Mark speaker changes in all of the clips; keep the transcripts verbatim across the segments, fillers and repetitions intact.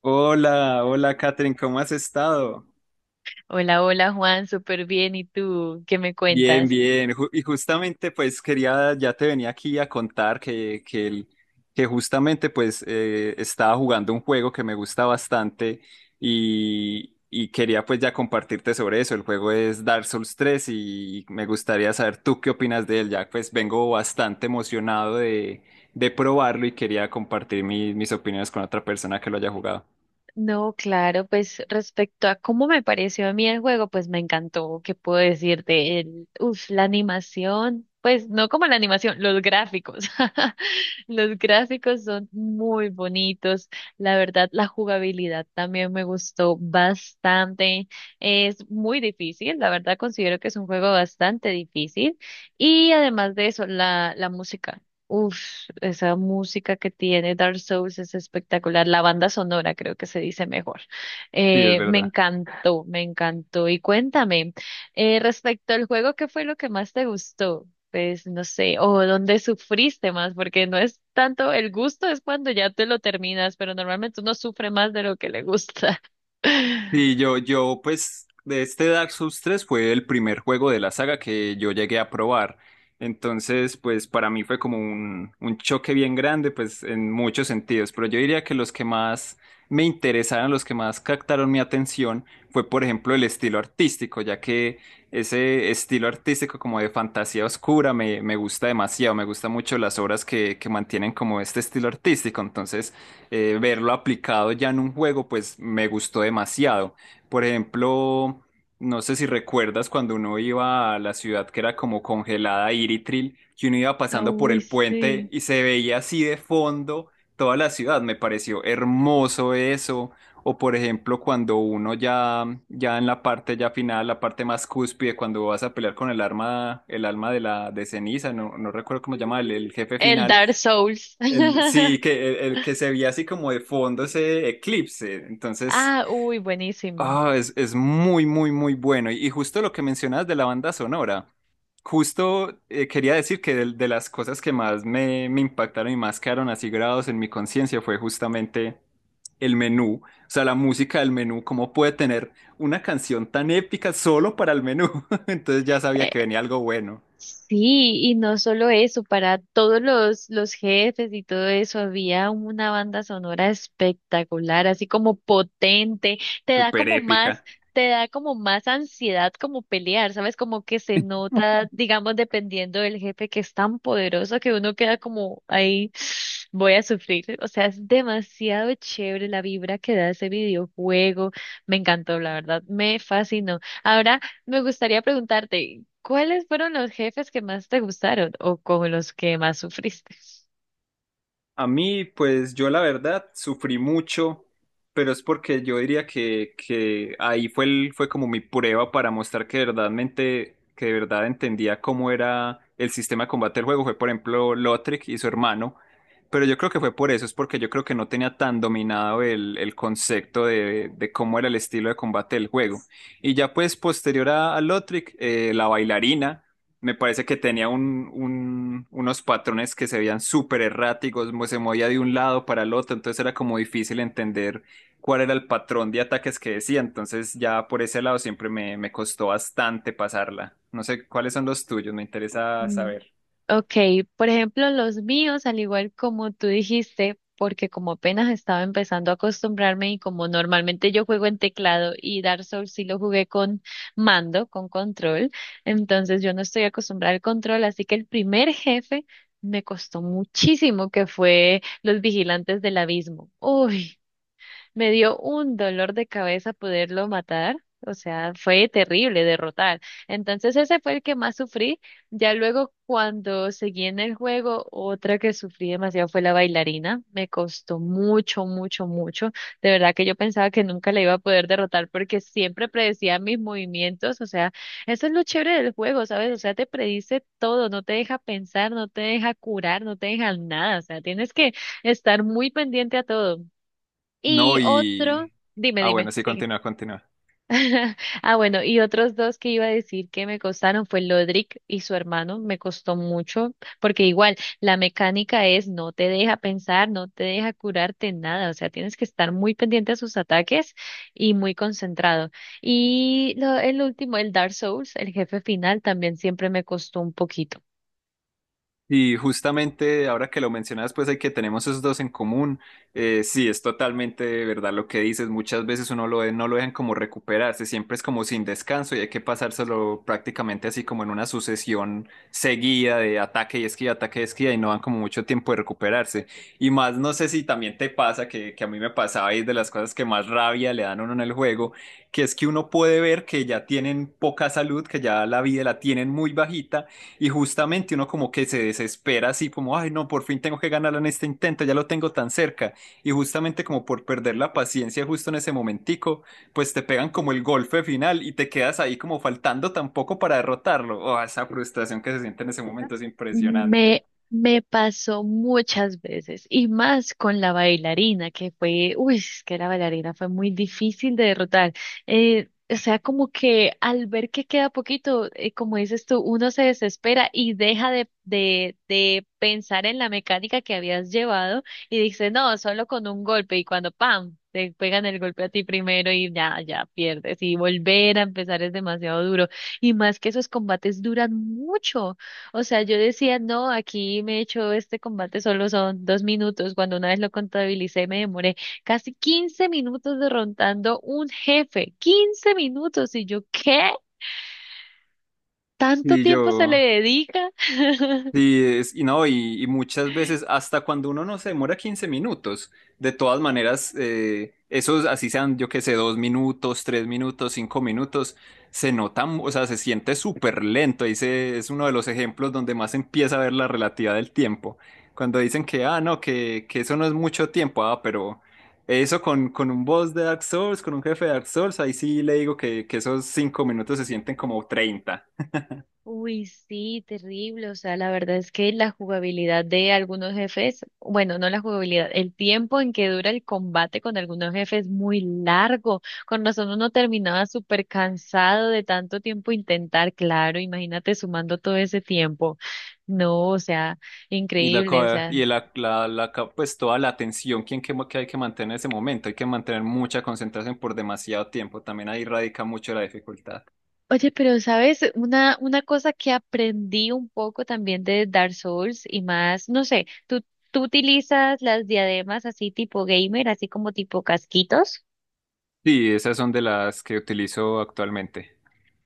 Speaker 1: Hola, hola Catherine, ¿cómo has estado?
Speaker 2: Hola, hola Juan, súper bien. ¿Y tú qué me
Speaker 1: Bien,
Speaker 2: cuentas?
Speaker 1: bien. Ju- y justamente pues quería, ya te venía aquí a contar que, que, el- que justamente pues eh, estaba jugando un juego que me gusta bastante y, y quería pues ya compartirte sobre eso. El juego es Dark Souls tres y me gustaría saber tú qué opinas de él. Ya pues vengo bastante emocionado de, de probarlo y quería compartir mi- mis opiniones con otra persona que lo haya jugado.
Speaker 2: No, claro, pues respecto a cómo me pareció a mí el juego, pues me encantó. ¿Qué puedo decirte? El, uf, la animación, pues no como la animación, los gráficos. Los gráficos son muy bonitos. La verdad, la jugabilidad también me gustó bastante. Es muy difícil, la verdad considero que es un juego bastante difícil. Y además de eso, la, la música. Uf, esa música que tiene Dark Souls es espectacular. La banda sonora creo que se dice mejor.
Speaker 1: Sí, es
Speaker 2: Eh, me
Speaker 1: verdad.
Speaker 2: encantó, me encantó. Y cuéntame, eh, respecto al juego, ¿qué fue lo que más te gustó? Pues no sé, o dónde sufriste más, porque no es tanto el gusto, es cuando ya te lo terminas, pero normalmente uno sufre más de lo que le gusta.
Speaker 1: Y yo, yo, pues, de este Dark Souls tres fue el primer juego de la saga que yo llegué a probar. Entonces, pues, para mí fue como un, un choque bien grande, pues, en muchos sentidos. Pero yo diría que los que más me interesaron, los que más captaron mi atención, fue, por ejemplo, el estilo artístico, ya que ese estilo artístico como de fantasía oscura me, me gusta demasiado. Me gustan mucho las obras que, que mantienen como este estilo artístico. Entonces, eh, verlo aplicado ya en un juego, pues me gustó demasiado. Por ejemplo, no sé si recuerdas cuando uno iba a la ciudad que era como congelada, Iritril, que uno iba
Speaker 2: Ah,
Speaker 1: pasando por
Speaker 2: uy,
Speaker 1: el puente
Speaker 2: sí.
Speaker 1: y se veía así de fondo toda la ciudad. Me pareció hermoso eso. O por ejemplo, cuando uno ya, ya en la parte ya final, la parte más cúspide, cuando vas a pelear con el arma, el alma de la de ceniza, no, no recuerdo cómo se llama, el el jefe
Speaker 2: El
Speaker 1: final
Speaker 2: Dark Souls.
Speaker 1: el, sí, que el, el que se veía así como de fondo ese eclipse. Entonces,
Speaker 2: Ah, uy, buenísimo.
Speaker 1: ah, es, es muy, muy, muy bueno. Y, y justo lo que mencionas de la banda sonora, justo eh, quería decir que del- de, las cosas que más me, me impactaron y más quedaron así grabados en mi conciencia fue justamente el menú. O sea, la música del menú, cómo puede tener una canción tan épica solo para el menú. Entonces ya sabía que venía algo bueno,
Speaker 2: Sí, y no solo eso, para todos los, los jefes y todo eso había una banda sonora espectacular, así como potente, te da
Speaker 1: súper
Speaker 2: como más,
Speaker 1: épica.
Speaker 2: te da como más ansiedad como pelear, ¿sabes? Como que se nota, digamos, dependiendo del jefe que es tan poderoso que uno queda como ahí, voy a sufrir. O sea, es demasiado chévere la vibra que da ese videojuego. Me encantó, la verdad, me fascinó. Ahora me gustaría preguntarte, ¿cuáles fueron los jefes que más te gustaron o con los que más sufriste?
Speaker 1: A mí, pues yo la verdad sufrí mucho, pero es porque yo diría que, que ahí fue, el- fue como mi prueba para mostrar que verdaderamente, que de verdad entendía cómo era el sistema de combate del juego. Fue, por ejemplo, Lothric y su hermano. Pero yo creo que fue por eso, es porque yo creo que no tenía tan dominado el, el concepto de, de cómo era el estilo de combate del juego. Y ya pues posterior a, a Lothric, eh, la bailarina. Me parece que tenía un, un- unos patrones que se veían súper erráticos, mo- se movía de un lado para el otro, entonces era como difícil entender cuál era el patrón de ataques que decía, entonces ya por ese lado siempre me, me costó bastante pasarla. No sé cuáles son los tuyos, me interesa
Speaker 2: Mm,
Speaker 1: saber.
Speaker 2: ok, por ejemplo, los míos, al igual como tú dijiste, porque como apenas estaba empezando a acostumbrarme y como normalmente yo juego en teclado y Dark Souls sí lo jugué con mando, con control, entonces yo no estoy acostumbrada al control, así que el primer jefe me costó muchísimo, que fue los vigilantes del abismo. Uy. Me dio un dolor de cabeza poderlo matar. O sea, fue terrible derrotar. Entonces ese fue el que más sufrí. Ya luego cuando seguí en el juego, otra que sufrí demasiado fue la bailarina. Me costó mucho, mucho, mucho. De verdad que yo pensaba que nunca la iba a poder derrotar porque siempre predecía mis movimientos. O sea, eso es lo chévere del juego, ¿sabes? O sea, te predice todo, no te deja pensar, no te deja curar, no te deja nada. O sea, tienes que estar muy pendiente a todo.
Speaker 1: No,
Speaker 2: Y otro,
Speaker 1: y...
Speaker 2: dime,
Speaker 1: Ah, bueno,
Speaker 2: dime,
Speaker 1: sí,
Speaker 2: sigue.
Speaker 1: continúa, continúa.
Speaker 2: Ah, bueno, y otros dos que iba a decir que me costaron fue Lodric y su hermano, me costó mucho, porque igual la mecánica es no te deja pensar, no te deja curarte nada, o sea, tienes que estar muy pendiente a sus ataques y muy concentrado. Y lo, el último, el Dark Souls, el jefe final, también siempre me costó un poquito.
Speaker 1: Y justamente ahora que lo mencionas, pues hay que tenemos esos dos en común. Eh, sí, es totalmente de verdad lo que dices. Muchas veces uno lo, no lo dejan como recuperarse, siempre es como sin descanso y hay que pasárselo prácticamente así como en una sucesión seguida de ataque y esquina, ataque y esquina y no dan como mucho tiempo de recuperarse. Y más, no sé si también te pasa que, que a mí me pasaba y es de las cosas que más rabia le dan a uno en el juego, que es que uno puede ver que ya tienen poca salud, que ya la vida la tienen muy bajita y justamente uno como que se desespera así como, ay no, por fin tengo que ganar en este intento, ya lo tengo tan cerca. Y justamente como por perder la paciencia justo en ese momentico, pues te pegan como el golpe final y te quedas ahí como faltando tampoco para derrotarlo. Oh, esa frustración que se siente en ese momento es impresionante.
Speaker 2: Me, me pasó muchas veces y más con la bailarina, que fue, uy, es que la bailarina fue muy difícil de derrotar. Eh, o sea, como que al ver que queda poquito, eh, como dices tú, uno se desespera y deja de, de, de pensar en la mecánica que habías llevado y dice, no, solo con un golpe y cuando, ¡pam! Te pegan el golpe a ti primero y ya, ya pierdes y volver a empezar es demasiado duro. Y más que esos combates duran mucho. O sea, yo decía, no, aquí me he hecho este combate solo son dos minutos. Cuando una vez lo contabilicé, me demoré casi quince minutos derrotando un jefe. Quince minutos. Y yo, ¿qué? ¿Tanto
Speaker 1: Y
Speaker 2: tiempo se le
Speaker 1: yo,
Speaker 2: dedica?
Speaker 1: Sí, es- y no, y, y muchas veces hasta cuando uno no se demora quince minutos, de todas maneras, eh, esos así sean, yo qué sé, dos minutos, tres minutos, cinco minutos, se nota, mu- o sea, se siente súper lento. Ahí se- es uno de los ejemplos donde más se empieza a ver la relatividad del tiempo. Cuando dicen que, ah, no, que, que eso no es mucho tiempo, ah, pero eso con, con un boss de Dark Souls, con un jefe de Dark Souls, ahí sí le digo que, que esos cinco minutos se sienten como treinta.
Speaker 2: Uy, sí, terrible. O sea, la verdad es que la jugabilidad de algunos jefes, bueno, no la jugabilidad, el tiempo en que dura el combate con algunos jefes es muy largo. Con razón uno terminaba súper cansado de tanto tiempo intentar, claro, imagínate sumando todo ese tiempo. No, o sea,
Speaker 1: Y la,
Speaker 2: increíble. O
Speaker 1: ca- y
Speaker 2: sea,
Speaker 1: la, la, la ca- pues toda la atención quien que, mo- que hay que mantener en ese momento, hay que mantener mucha concentración por demasiado tiempo, también ahí radica mucho la dificultad.
Speaker 2: oye, pero sabes, una, una cosa que aprendí un poco también de Dark Souls y más, no sé, ¿tú, tú utilizas las diademas así tipo gamer, así como tipo casquitos?
Speaker 1: Sí, esas son de las que utilizo actualmente.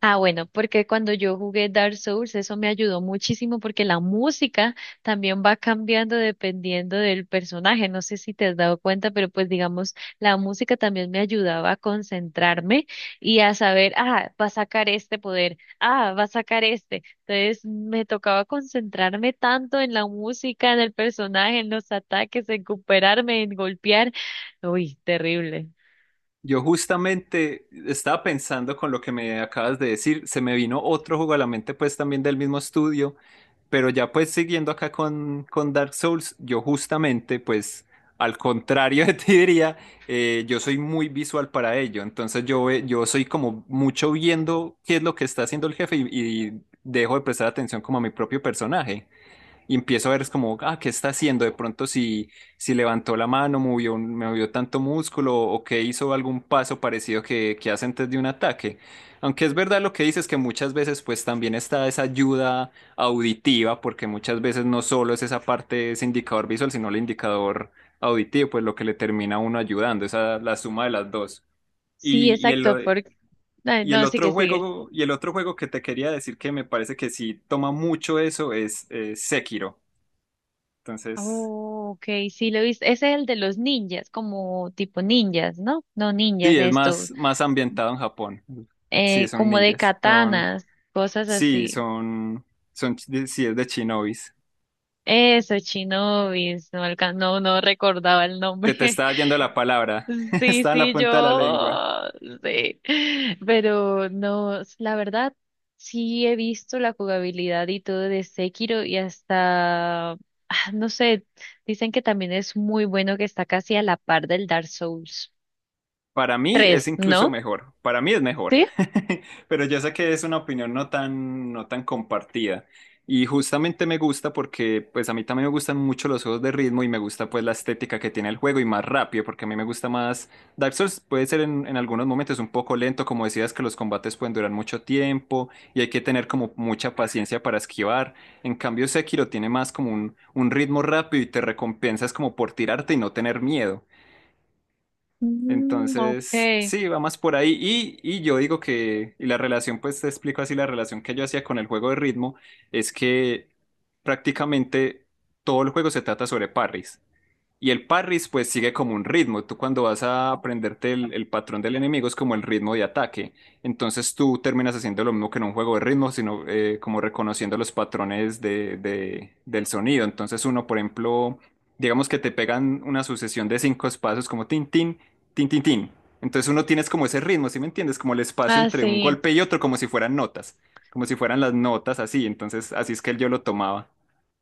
Speaker 2: Ah, bueno, porque cuando yo jugué Dark Souls, eso me ayudó muchísimo porque la música también va cambiando dependiendo del personaje. No sé si te has dado cuenta, pero pues digamos, la música también me ayudaba a concentrarme y a saber, ah, va a sacar este poder, ah, va a sacar este. Entonces me tocaba concentrarme tanto en la música, en el personaje, en los ataques, en recuperarme, en golpear. Uy, terrible.
Speaker 1: Yo justamente estaba pensando con lo que me acabas de decir, se me vino otro juego a la mente pues también del mismo estudio, pero ya pues siguiendo acá con, con Dark Souls, yo justamente pues al contrario de ti diría, eh, yo soy muy visual para ello, entonces yo, ve- yo soy como mucho viendo qué es lo que está haciendo el jefe y, y dejo de prestar atención como a mi propio personaje y empiezo a ver es como, ah, ¿qué está haciendo? De pronto si, si levantó la mano, movió, un- movió tanto músculo o que hizo algún paso parecido que, que hace antes de un ataque. Aunque es verdad lo que dices que muchas veces pues también está esa ayuda auditiva, porque muchas veces no solo es esa parte, ese indicador visual, sino el indicador auditivo, pues lo que le termina a uno ayudando, esa la suma de las dos.
Speaker 2: Sí,
Speaker 1: Y, y el,
Speaker 2: exacto, porque... ay,
Speaker 1: y el
Speaker 2: no, sigue,
Speaker 1: otro
Speaker 2: sigue.
Speaker 1: juego, y el otro juego que te quería decir que me parece que sí toma mucho eso es eh, Sekiro. Entonces,
Speaker 2: Oh, ok, sí lo he visto. Ese es el de los ninjas, como tipo ninjas, ¿no? No
Speaker 1: sí,
Speaker 2: ninjas,
Speaker 1: es
Speaker 2: esto,
Speaker 1: más, más ambientado en Japón. Sí,
Speaker 2: eh,
Speaker 1: son
Speaker 2: como de
Speaker 1: ninjas. Son,
Speaker 2: katanas, cosas
Speaker 1: sí,
Speaker 2: así.
Speaker 1: son, son, sí, es de shinobis.
Speaker 2: Eso, shinobis, no, alca- no, no recordaba el
Speaker 1: Te,
Speaker 2: nombre.
Speaker 1: te estaba yendo la palabra.
Speaker 2: Sí,
Speaker 1: Está en la
Speaker 2: sí,
Speaker 1: punta de la lengua.
Speaker 2: yo, sí. Pero no, la verdad, sí he visto la jugabilidad y todo de Sekiro y hasta, ah, no sé, dicen que también es muy bueno que está casi a la par del Dark Souls
Speaker 1: Para mí es
Speaker 2: tres,
Speaker 1: incluso
Speaker 2: ¿no?
Speaker 1: mejor, para mí es mejor,
Speaker 2: ¿Sí?
Speaker 1: pero yo sé que es una opinión no tan, no tan compartida y justamente me gusta porque pues a mí también me gustan mucho los juegos de ritmo y me gusta pues la estética que tiene el juego y más rápido porque a mí me gusta más Dark Souls puede ser en, en algunos momentos un poco lento como decías que los combates pueden durar mucho tiempo y hay que tener como mucha paciencia para esquivar, en cambio Sekiro tiene más como un, un ritmo rápido y te recompensas como por tirarte y no tener miedo.
Speaker 2: Mm,
Speaker 1: Entonces,
Speaker 2: ok.
Speaker 1: sí, va más por ahí. Y, y yo digo que, y la relación, pues te explico así, la relación que yo hacía con el juego de ritmo es que prácticamente todo el juego se trata sobre parries. Y el parris pues sigue como un ritmo. Tú cuando vas a aprenderte el, el patrón del enemigo es como el ritmo de ataque. Entonces tú terminas haciendo lo mismo que en un juego de ritmo, sino eh, como reconociendo los patrones de, de- del sonido. Entonces uno, por ejemplo, digamos que te pegan una sucesión de cinco espacios como tin, tin, tin, tin, tin. Entonces uno tienes como ese ritmo, ¿sí me entiendes? Como el espacio
Speaker 2: Ah,
Speaker 1: entre un
Speaker 2: sí.
Speaker 1: golpe y otro, como si fueran notas, como si fueran las notas así. Entonces así es que él yo lo tomaba.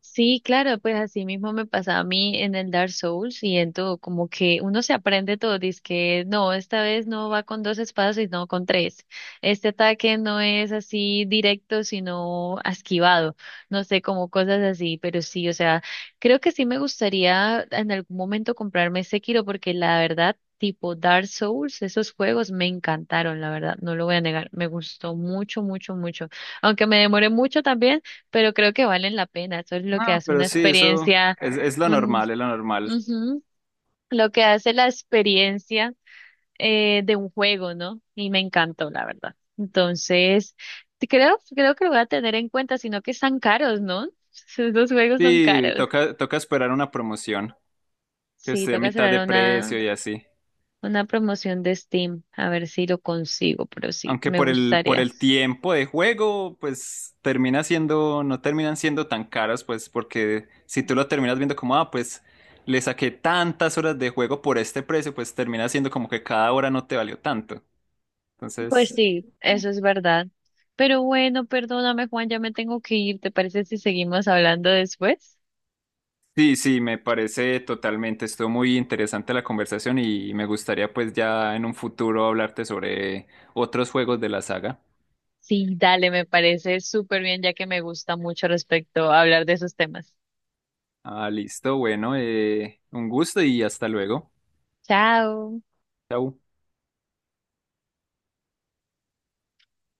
Speaker 2: Sí, claro, pues así mismo me pasa a mí en el Dark Souls y en todo, como que uno se aprende todo, dice que no, esta vez no va con dos espadas, sino con tres. Este ataque no es así directo, sino esquivado, no sé, como cosas así, pero sí, o sea, creo que sí me gustaría en algún momento comprarme Sekiro porque la verdad, tipo Dark Souls, esos juegos me encantaron, la verdad, no lo voy a negar, me gustó mucho, mucho, mucho, aunque me demoré mucho también pero creo que valen la pena. Eso es lo que
Speaker 1: Ah,
Speaker 2: hace
Speaker 1: pero
Speaker 2: una
Speaker 1: sí, eso
Speaker 2: experiencia,
Speaker 1: es, es lo
Speaker 2: un-
Speaker 1: normal, es lo normal.
Speaker 2: ujú, lo que hace la experiencia eh, de un juego, ¿no? Y me encantó, la verdad. Entonces, te- creo, creo que lo voy a tener en cuenta, sino que están caros, ¿no? Los juegos son
Speaker 1: Sí,
Speaker 2: caros.
Speaker 1: toca, toca esperar una promoción que
Speaker 2: Sí,
Speaker 1: esté a
Speaker 2: toca
Speaker 1: mitad de
Speaker 2: cerrar una,
Speaker 1: precio y así.
Speaker 2: una promoción de Steam, a ver si lo consigo, pero sí,
Speaker 1: Aunque
Speaker 2: me
Speaker 1: por el, por
Speaker 2: gustaría.
Speaker 1: el tiempo de juego, pues termina siendo, no terminan siendo tan caros, pues porque si tú lo terminas viendo como, ah, pues le saqué tantas horas de juego por este precio, pues termina siendo como que cada hora no te valió tanto.
Speaker 2: Pues
Speaker 1: Entonces,
Speaker 2: sí, eso es verdad. Pero bueno, perdóname, Juan, ya me tengo que ir. ¿Te parece si seguimos hablando después?
Speaker 1: sí, sí, me parece totalmente, estuvo muy interesante la conversación y me gustaría pues ya en un futuro hablarte sobre otros juegos de la saga.
Speaker 2: Sí, dale, me parece súper bien, ya que me gusta mucho respecto a hablar de esos temas.
Speaker 1: Ah, listo, bueno, eh, un gusto y hasta luego.
Speaker 2: Chao.
Speaker 1: Chau.